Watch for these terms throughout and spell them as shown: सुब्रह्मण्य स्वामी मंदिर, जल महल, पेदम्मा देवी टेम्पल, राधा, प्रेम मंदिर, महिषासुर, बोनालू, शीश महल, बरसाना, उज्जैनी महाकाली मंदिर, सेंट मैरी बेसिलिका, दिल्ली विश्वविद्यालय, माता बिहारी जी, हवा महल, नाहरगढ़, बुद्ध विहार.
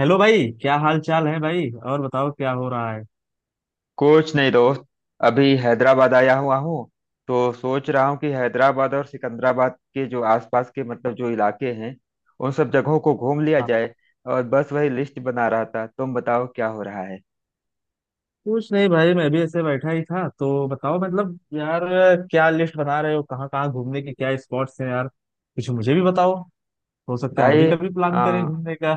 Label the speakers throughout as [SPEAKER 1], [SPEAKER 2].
[SPEAKER 1] Hello भाई, क्या हाल चाल है भाई। और बताओ क्या हो रहा है।
[SPEAKER 2] कुछ नहीं दोस्त। अभी हैदराबाद आया हुआ हूँ। तो सोच रहा हूँ कि हैदराबाद और सिकंदराबाद के जो आसपास के मतलब जो इलाके हैं उन सब जगहों को घूम लिया
[SPEAKER 1] हाँ,
[SPEAKER 2] जाए। और बस वही लिस्ट बना रहा था। तुम बताओ क्या हो रहा है।
[SPEAKER 1] कुछ नहीं भाई, मैं भी ऐसे बैठा ही था। तो बताओ मतलब यार, क्या लिस्ट बना रहे हो, कहाँ कहाँ घूमने के क्या स्पॉट्स हैं यार, कुछ मुझे भी बताओ। हो सकता है हम भी
[SPEAKER 2] भाई
[SPEAKER 1] कभी
[SPEAKER 2] आ,
[SPEAKER 1] प्लान करें घूमने का।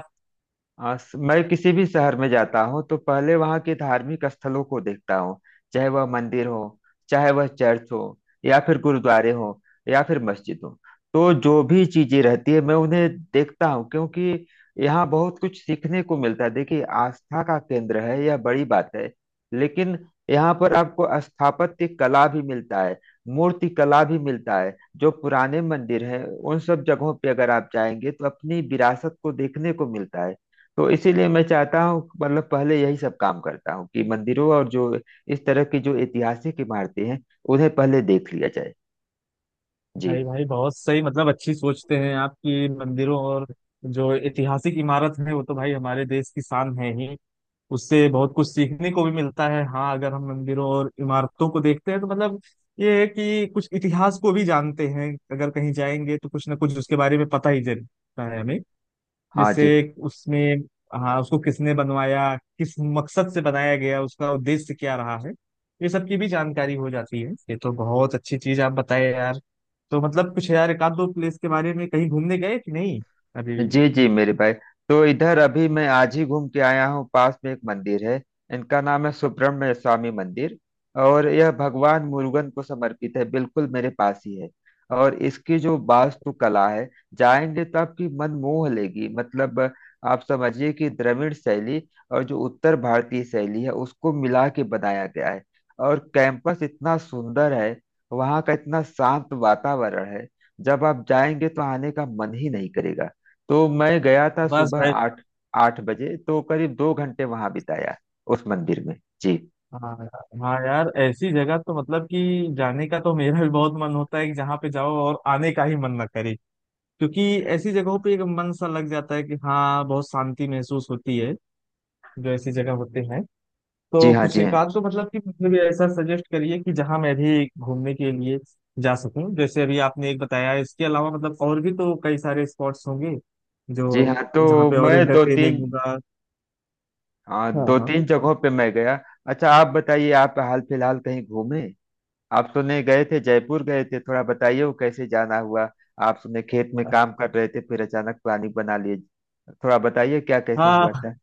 [SPEAKER 2] आ, स- मैं किसी भी शहर में जाता हूँ तो पहले वहाँ के धार्मिक स्थलों को देखता हूँ। चाहे वह मंदिर हो, चाहे वह चर्च हो, या फिर गुरुद्वारे हो, या फिर मस्जिद हो। तो जो भी चीजें रहती है मैं उन्हें देखता हूँ, क्योंकि यहाँ बहुत कुछ सीखने को मिलता है। देखिए आस्था का केंद्र है, यह बड़ी बात है। लेकिन यहाँ पर आपको स्थापत्य कला भी मिलता है, मूर्ति कला भी मिलता है। जो पुराने मंदिर हैं उन सब जगहों पे अगर आप जाएंगे तो अपनी विरासत को देखने को मिलता है। तो इसीलिए मैं चाहता हूँ, मतलब पहले यही सब काम करता हूँ कि मंदिरों और जो इस तरह की जो ऐतिहासिक इमारतें हैं उन्हें पहले देख लिया जाए। जी
[SPEAKER 1] भाई भाई बहुत सही, मतलब अच्छी सोचते हैं आपकी, मंदिरों और जो ऐतिहासिक इमारत है वो तो भाई हमारे देश की शान है ही। उससे बहुत कुछ सीखने को भी मिलता है। हाँ, अगर हम मंदिरों और इमारतों को देखते हैं तो मतलब ये है कि कुछ इतिहास को भी जानते हैं। अगर कहीं जाएंगे तो कुछ ना कुछ उसके बारे में पता ही चलता है हमें।
[SPEAKER 2] हाँ।
[SPEAKER 1] जैसे
[SPEAKER 2] जी
[SPEAKER 1] उसमें, हाँ, उसको किसने बनवाया, किस मकसद से बनाया गया, उसका उद्देश्य क्या रहा है, ये सब की भी जानकारी हो जाती है। ये तो बहुत अच्छी चीज आप बताए यार। तो मतलब कुछ यार, एक आध दो प्लेस के बारे में कहीं घूमने गए कि नहीं अभी।
[SPEAKER 2] जी जी मेरे भाई। तो इधर अभी मैं आज ही घूम के आया हूँ। पास में एक मंदिर है, इनका नाम है सुब्रह्मण्य स्वामी मंदिर। और यह भगवान मुरुगन को समर्पित है, बिल्कुल मेरे पास ही है। और इसकी जो वास्तुकला है, जाएंगे तो आपकी मन मोह लेगी। मतलब आप समझिए कि द्रविड़ शैली और जो उत्तर भारतीय शैली है उसको मिला के बनाया गया है। और कैंपस इतना सुंदर है, वहाँ का इतना शांत वातावरण है, जब आप जाएंगे तो आने का मन ही नहीं करेगा। तो मैं गया था
[SPEAKER 1] बस
[SPEAKER 2] सुबह
[SPEAKER 1] भाई।
[SPEAKER 2] आठ, 8 बजे तो करीब 2 घंटे वहां बिताया उस मंदिर में। जी।
[SPEAKER 1] हाँ यार, हाँ यार, ऐसी जगह तो मतलब कि जाने का तो मेरा भी बहुत मन होता है, कि जहाँ पे जाओ और आने का ही मन ना करे। क्योंकि ऐसी जगहों पे एक मन सा लग जाता है कि हाँ, बहुत शांति महसूस होती है जो ऐसी जगह होते हैं।
[SPEAKER 2] जी
[SPEAKER 1] तो
[SPEAKER 2] हाँ,
[SPEAKER 1] कुछ
[SPEAKER 2] जी
[SPEAKER 1] एक
[SPEAKER 2] हाँ,
[SPEAKER 1] आध तो मतलब कि मुझे भी ऐसा सजेस्ट करिए कि जहाँ मैं भी घूमने के लिए जा सकूं। जैसे अभी आपने एक बताया, इसके अलावा मतलब और भी तो कई सारे स्पॉट्स होंगे
[SPEAKER 2] जी
[SPEAKER 1] जो,
[SPEAKER 2] हाँ। तो
[SPEAKER 1] जहाँ पे और
[SPEAKER 2] मैं दो
[SPEAKER 1] इंटरटेनिंग
[SPEAKER 2] तीन,
[SPEAKER 1] होगा।
[SPEAKER 2] हाँ
[SPEAKER 1] हाँ
[SPEAKER 2] दो
[SPEAKER 1] हाँ।
[SPEAKER 2] तीन जगहों पे मैं गया। अच्छा आप बताइए, आप हाल फिलहाल कहीं घूमे? आप सुने, गए थे जयपुर? गए थे, थोड़ा बताइए वो कैसे जाना हुआ। आप सुने खेत में काम कर रहे थे फिर अचानक प्लानिंग बना लिए, थोड़ा बताइए क्या कैसे हुआ
[SPEAKER 1] हाँ
[SPEAKER 2] था?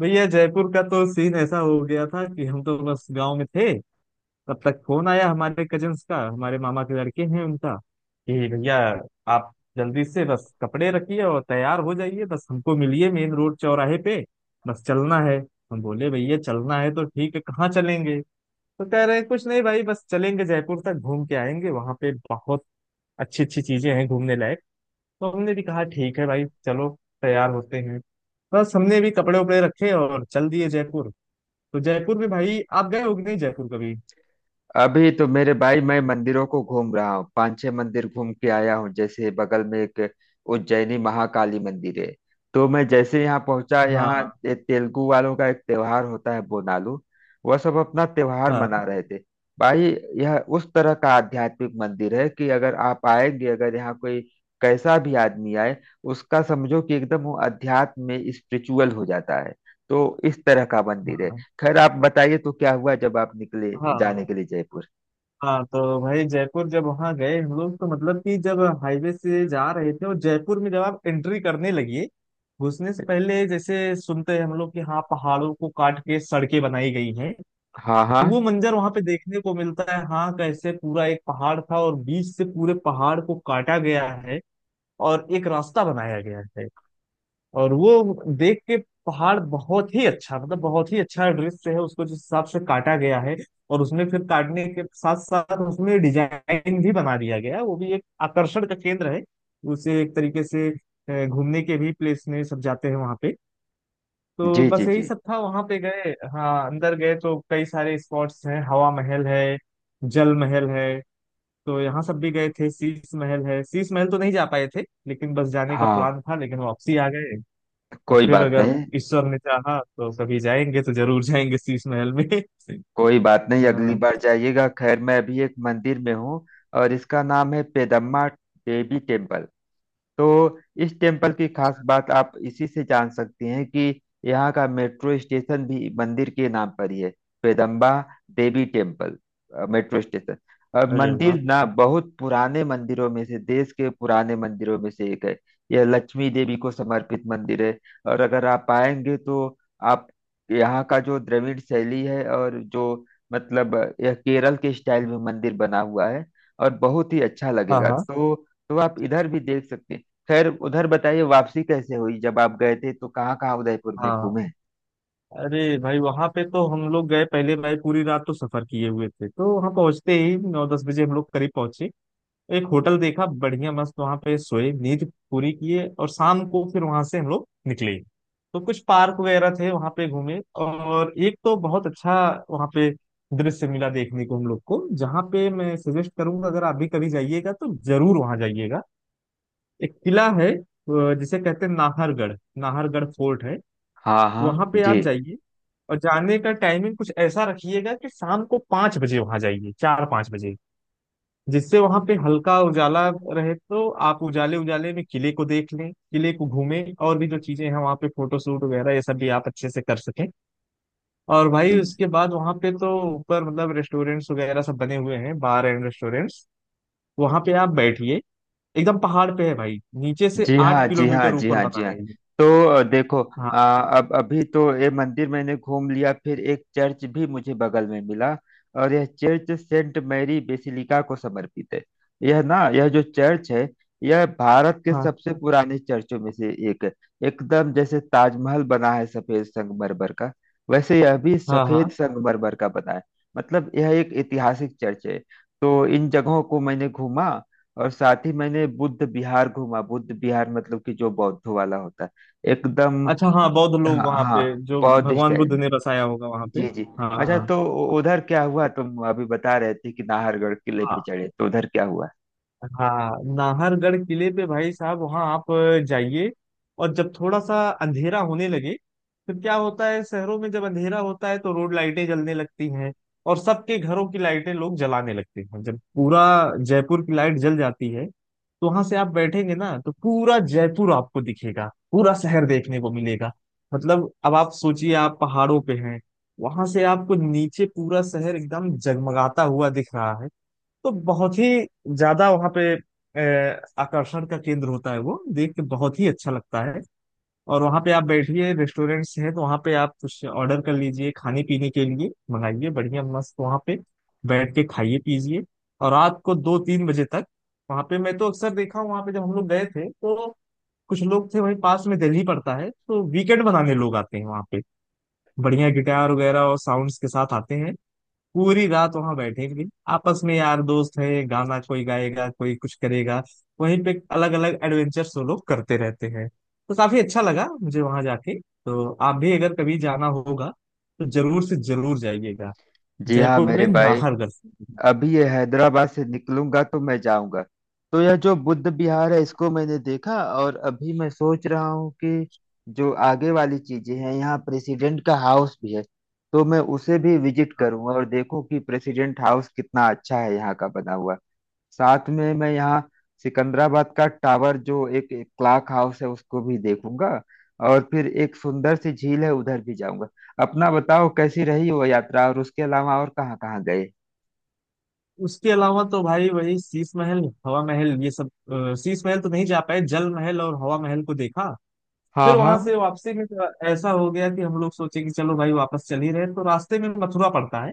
[SPEAKER 1] भैया, जयपुर का तो सीन ऐसा हो गया था कि हम तो बस गांव में थे। तब तक फोन आया हमारे कजन्स का, हमारे मामा के लड़के हैं उनका, कि भैया आप जल्दी से बस कपड़े रखिए और तैयार हो जाइए, बस हमको मिलिए मेन रोड चौराहे पे, बस चलना है। हम बोले भैया, चलना है तो ठीक है, कहाँ चलेंगे। तो कह रहे हैं कुछ नहीं भाई, बस चलेंगे जयपुर तक, घूम के आएंगे, वहां पे बहुत अच्छी अच्छी चीजें हैं घूमने लायक। तो हमने भी कहा ठीक है भाई चलो, तैयार होते हैं। बस हमने भी कपड़े उपड़े रखे और चल दिए जयपुर। तो जयपुर में भाई आप गए हो कि नहीं जयपुर कभी।
[SPEAKER 2] अभी तो मेरे भाई मैं मंदिरों को घूम रहा हूँ, पांच छह मंदिर घूम के आया हूँ। जैसे बगल में एक उज्जैनी महाकाली मंदिर है। तो मैं जैसे यहाँ पहुंचा, यहाँ
[SPEAKER 1] हाँ
[SPEAKER 2] ये तेलुगु वालों का एक त्योहार होता है, बोनालू। वह सब अपना त्योहार
[SPEAKER 1] हाँ।
[SPEAKER 2] मना रहे थे। भाई यह उस तरह का आध्यात्मिक मंदिर है कि अगर आप आएंगे, अगर यहाँ कोई कैसा भी आदमी आए, उसका समझो कि एकदम वो अध्यात्म में स्पिरिचुअल हो जाता है। तो इस तरह का मंदिर है।
[SPEAKER 1] हाँ।
[SPEAKER 2] खैर आप बताइए तो क्या हुआ जब आप निकले
[SPEAKER 1] हाँ
[SPEAKER 2] जाने के लिए जयपुर?
[SPEAKER 1] हाँ तो भाई, जयपुर जब वहाँ गए हम लोग, तो मतलब कि जब हाईवे से जा रहे थे और जयपुर में जब आप एंट्री करने लगी, घुसने से पहले, जैसे सुनते हैं हम लोग कि हाँ, पहाड़ों को काट के सड़कें बनाई गई हैं,
[SPEAKER 2] हाँ हाँ
[SPEAKER 1] तो वो मंजर वहां पे देखने को मिलता है। हाँ, कैसे पूरा एक पहाड़ था और बीच से पूरे पहाड़ को काटा गया है और एक रास्ता बनाया गया है। और वो देख के, पहाड़ बहुत ही अच्छा, मतलब बहुत ही अच्छा दृश्य है, उसको जिस हिसाब से काटा गया है। और उसमें फिर काटने के साथ साथ उसमें डिजाइन भी बना दिया गया है, वो भी एक आकर्षण का केंद्र है। उसे एक तरीके से घूमने के भी प्लेस में सब जाते हैं वहां पे। तो
[SPEAKER 2] जी। जी
[SPEAKER 1] बस यही
[SPEAKER 2] जी
[SPEAKER 1] सब था, वहां पे गए। हाँ, अंदर गए तो कई सारे स्पॉट्स हैं, हवा महल है, जल महल है, तो यहाँ सब भी गए थे। शीश महल है, शीश महल तो नहीं जा पाए थे, लेकिन बस जाने का
[SPEAKER 2] हाँ।
[SPEAKER 1] प्लान था, लेकिन वापसी आ गए। और
[SPEAKER 2] कोई
[SPEAKER 1] फिर
[SPEAKER 2] बात
[SPEAKER 1] अगर
[SPEAKER 2] नहीं।
[SPEAKER 1] ईश्वर ने चाहा तो कभी जाएंगे तो जरूर जाएंगे शीश महल में।
[SPEAKER 2] कोई बात नहीं, अगली
[SPEAKER 1] हाँ।
[SPEAKER 2] बार जाइएगा। खैर मैं अभी एक मंदिर में हूँ और इसका नाम है पेदम्मा देवी टेम्पल। तो इस टेम्पल की खास बात आप इसी से जान सकती हैं कि यहाँ का मेट्रो स्टेशन भी मंदिर के नाम पर ही है, Peddamma Devi temple metro station. और
[SPEAKER 1] अरे वाह।
[SPEAKER 2] मंदिर ना बहुत पुराने मंदिरों में से, देश के पुराने मंदिरों में से एक है। यह लक्ष्मी देवी को समर्पित मंदिर है। और अगर आप आएंगे तो आप यहाँ का जो द्रविड़ शैली है और जो, मतलब यह केरल के स्टाइल में मंदिर बना हुआ है और बहुत ही अच्छा
[SPEAKER 1] हाँ
[SPEAKER 2] लगेगा।
[SPEAKER 1] हाँ।
[SPEAKER 2] तो आप इधर भी देख सकते हैं। खैर उधर बताइए वापसी कैसे हुई, जब आप गए थे तो कहाँ कहाँ उदयपुर में
[SPEAKER 1] हाँ
[SPEAKER 2] घूमे?
[SPEAKER 1] अरे भाई, वहां पे तो हम लोग गए पहले भाई, पूरी रात तो सफर किए हुए थे, तो वहां पहुंचते ही 9-10 बजे हम लोग करीब पहुंचे। एक होटल देखा, बढ़िया मस्त, वहां पे सोए, नींद पूरी किए और शाम को फिर वहां से हम लोग निकले। तो कुछ पार्क वगैरह थे, वहां पे घूमे। और एक तो बहुत अच्छा वहां पे दृश्य मिला देखने को हम लोग को, जहाँ पे मैं सजेस्ट करूंगा, अगर आप भी कभी जाइएगा तो जरूर वहां जाइएगा। एक किला है जिसे कहते हैं नाहरगढ़, नाहरगढ़ फोर्ट है।
[SPEAKER 2] हाँ हाँ
[SPEAKER 1] वहां पे आप
[SPEAKER 2] जी
[SPEAKER 1] जाइए, और जाने का टाइमिंग कुछ ऐसा रखिएगा कि शाम को 5 बजे वहां जाइए, 4-5 बजे, जिससे वहां पे हल्का उजाला रहे, तो आप उजाले उजाले में किले को देख लें, किले को घूमें, और भी जो चीजें हैं वहां पे फोटो शूट वगैरह, ये सब भी आप अच्छे से कर सकें। और भाई उसके बाद वहां पे तो ऊपर मतलब रेस्टोरेंट्स वगैरह सब बने हुए हैं, बार एंड रेस्टोरेंट्स। वहां पे आप बैठिए, एकदम पहाड़ पे है भाई, नीचे से
[SPEAKER 2] जी हाँ
[SPEAKER 1] आठ
[SPEAKER 2] जी हाँ
[SPEAKER 1] किलोमीटर
[SPEAKER 2] जी
[SPEAKER 1] ऊपर
[SPEAKER 2] हाँ जी
[SPEAKER 1] बना
[SPEAKER 2] हाँ।
[SPEAKER 1] है ये।
[SPEAKER 2] तो देखो,
[SPEAKER 1] हाँ
[SPEAKER 2] अब अभी तो ये मंदिर मैंने घूम लिया, फिर एक चर्च भी मुझे बगल में मिला और यह चर्च सेंट मैरी बेसिलिका को समर्पित है। यह ना, यह जो चर्च है, यह भारत के
[SPEAKER 1] हाँ।
[SPEAKER 2] सबसे पुराने चर्चों में से एक है। एकदम जैसे ताजमहल बना है सफेद संगमरमर का, वैसे यह भी
[SPEAKER 1] हाँ
[SPEAKER 2] सफेद
[SPEAKER 1] हाँ
[SPEAKER 2] संगमरमर का बना है। मतलब यह एक ऐतिहासिक चर्च है। तो इन जगहों को मैंने घूमा। और साथ ही मैंने बुद्ध विहार घूमा, बुद्ध विहार मतलब कि जो बौद्धों वाला होता है, एकदम।
[SPEAKER 1] अच्छा हाँ, बौद्ध लोग
[SPEAKER 2] हाँ
[SPEAKER 1] वहां
[SPEAKER 2] हाँ
[SPEAKER 1] पे जो
[SPEAKER 2] बौद्ध
[SPEAKER 1] भगवान
[SPEAKER 2] स्टाइल
[SPEAKER 1] बुद्ध
[SPEAKER 2] में।
[SPEAKER 1] ने बसाया होगा वहां पे।
[SPEAKER 2] जी जी।
[SPEAKER 1] हाँ
[SPEAKER 2] अच्छा
[SPEAKER 1] हाँ।
[SPEAKER 2] तो उधर क्या हुआ, तुम अभी बता रहे थे कि नाहरगढ़ किले पे
[SPEAKER 1] हाँ।
[SPEAKER 2] चढ़े, तो उधर क्या हुआ?
[SPEAKER 1] हाँ नाहरगढ़ किले पे भाई साहब, वहाँ आप जाइए, और जब थोड़ा सा अंधेरा होने लगे, फिर क्या होता है, शहरों में जब अंधेरा होता है तो रोड लाइटें जलने लगती हैं और सबके घरों की लाइटें लोग जलाने लगते हैं। जब पूरा जयपुर की लाइट जल जाती है तो वहां से आप बैठेंगे ना तो पूरा जयपुर आपको दिखेगा, पूरा शहर देखने को मिलेगा। मतलब अब आप सोचिए, आप पहाड़ों पे हैं, वहां से आपको नीचे पूरा शहर एकदम जगमगाता हुआ दिख रहा है। तो बहुत ही ज्यादा वहाँ पे आकर्षण का केंद्र होता है, वो देख के बहुत ही अच्छा लगता है। और वहाँ पे आप बैठिए, रेस्टोरेंट्स हैं तो वहाँ पे आप कुछ ऑर्डर कर लीजिए, खाने पीने के लिए मंगाइए, बढ़िया मस्त वहाँ पे बैठ के खाइए पीजिए। और रात को 2-3 बजे तक वहाँ पे, मैं तो अक्सर देखा हूँ वहाँ पे जब हम लोग गए थे, तो कुछ लोग थे वहीं, पास में दिल्ली पड़ता है तो वीकेंड बनाने लोग आते हैं वहाँ पे, बढ़िया गिटार वगैरह और साउंड्स के साथ आते हैं। पूरी रात वहां बैठेंगे, आपस में यार दोस्त है, गाना कोई गाएगा, कोई कुछ करेगा, वहीं पे अलग अलग एडवेंचर्स वो लोग करते रहते हैं। तो काफी अच्छा लगा मुझे वहां जाके, तो आप भी अगर कभी जाना होगा तो जरूर से जरूर जाइएगा
[SPEAKER 2] जी हाँ
[SPEAKER 1] जयपुर
[SPEAKER 2] मेरे
[SPEAKER 1] में
[SPEAKER 2] भाई।
[SPEAKER 1] नाहरगढ़।
[SPEAKER 2] अभी ये हैदराबाद से निकलूंगा तो मैं जाऊंगा। तो यह जो बुद्ध विहार है इसको मैंने देखा, और अभी मैं सोच रहा हूँ कि जो आगे वाली चीजें हैं, यहाँ प्रेसिडेंट का हाउस भी है। तो मैं उसे भी विजिट
[SPEAKER 1] हाँ,
[SPEAKER 2] करूंगा और देखूं कि प्रेसिडेंट हाउस कितना अच्छा है यहाँ का बना हुआ। साथ में मैं यहाँ सिकंदराबाद का टावर जो एक क्लॉक हाउस है उसको भी देखूंगा। और फिर एक सुंदर सी झील है उधर भी जाऊंगा। अपना बताओ कैसी रही वो यात्रा, और उसके अलावा और कहाँ कहाँ गए?
[SPEAKER 1] उसके अलावा तो भाई वही शीश महल, हवा महल, ये सब, शीश महल तो नहीं जा पाए, जल महल और हवा महल को देखा।
[SPEAKER 2] हाँ
[SPEAKER 1] फिर
[SPEAKER 2] हाँ।
[SPEAKER 1] वहां से वापसी में तो ऐसा हो गया कि हम लोग सोचे कि चलो भाई, वापस चल ही रहे हैं, तो रास्ते में मथुरा पड़ता है,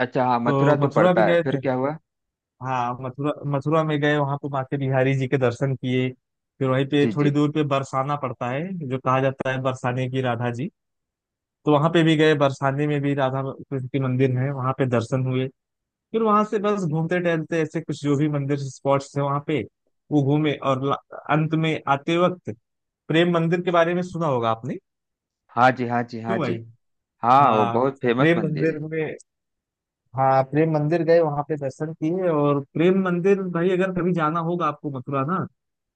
[SPEAKER 2] अच्छा हाँ, मथुरा
[SPEAKER 1] तो
[SPEAKER 2] तो
[SPEAKER 1] मथुरा भी
[SPEAKER 2] पड़ता है,
[SPEAKER 1] गए
[SPEAKER 2] फिर
[SPEAKER 1] थे।
[SPEAKER 2] क्या हुआ?
[SPEAKER 1] हाँ मथुरा, मथुरा में गए, वहां पे माता बिहारी जी के दर्शन किए। फिर वहीं पे
[SPEAKER 2] जी जी
[SPEAKER 1] थोड़ी दूर पे बरसाना पड़ता है, जो कहा जाता है बरसाने की राधा जी, तो वहां पे भी गए, बरसाने में भी राधा कृष्ण के मंदिर है, वहां पे दर्शन हुए। फिर वहां से बस घूमते टहलते ऐसे कुछ जो भी मंदिर स्पॉट्स है वहां पे, वो घूमे। और अंत में आते वक्त प्रेम मंदिर के बारे में सुना होगा आपने।
[SPEAKER 2] हाँ जी हाँ जी हाँ
[SPEAKER 1] क्यों
[SPEAKER 2] जी
[SPEAKER 1] भाई।
[SPEAKER 2] हाँ। वो
[SPEAKER 1] हाँ
[SPEAKER 2] बहुत फेमस
[SPEAKER 1] प्रेम
[SPEAKER 2] मंदिर है।
[SPEAKER 1] मंदिर में, हाँ प्रेम मंदिर गए, वहां पे दर्शन किए। और प्रेम मंदिर भाई, अगर कभी जाना होगा आपको मथुरा ना,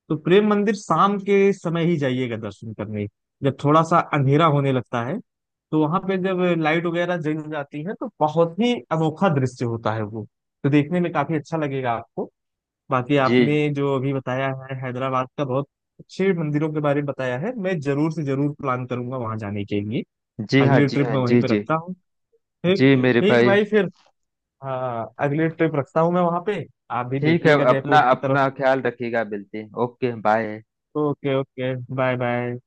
[SPEAKER 1] तो प्रेम मंदिर शाम के समय ही जाइएगा दर्शन करने, जब थोड़ा सा अंधेरा होने लगता है, तो वहां पे जब लाइट वगैरह जल जाती है तो बहुत ही अनोखा दृश्य होता है वो, तो देखने में काफी अच्छा लगेगा आपको। बाकी
[SPEAKER 2] जी
[SPEAKER 1] आपने जो अभी बताया है हैदराबाद का, बहुत अच्छे मंदिरों के बारे में बताया है, मैं जरूर से जरूर प्लान करूंगा वहां जाने के लिए।
[SPEAKER 2] जी हाँ
[SPEAKER 1] अगली
[SPEAKER 2] जी
[SPEAKER 1] ट्रिप
[SPEAKER 2] हाँ
[SPEAKER 1] मैं वहीं
[SPEAKER 2] जी
[SPEAKER 1] पे
[SPEAKER 2] जी
[SPEAKER 1] रखता हूँ। ठीक।
[SPEAKER 2] जी मेरे
[SPEAKER 1] ठीक
[SPEAKER 2] भाई।
[SPEAKER 1] भाई फिर, हाँ अगली ट्रिप रखता हूँ मैं वहां पे। आप भी
[SPEAKER 2] ठीक है,
[SPEAKER 1] देखिएगा
[SPEAKER 2] अपना
[SPEAKER 1] जयपुर की तरफ।
[SPEAKER 2] अपना ख्याल रखिएगा, मिलते हैं। Okay bye.
[SPEAKER 1] Okay. Okay bye bye.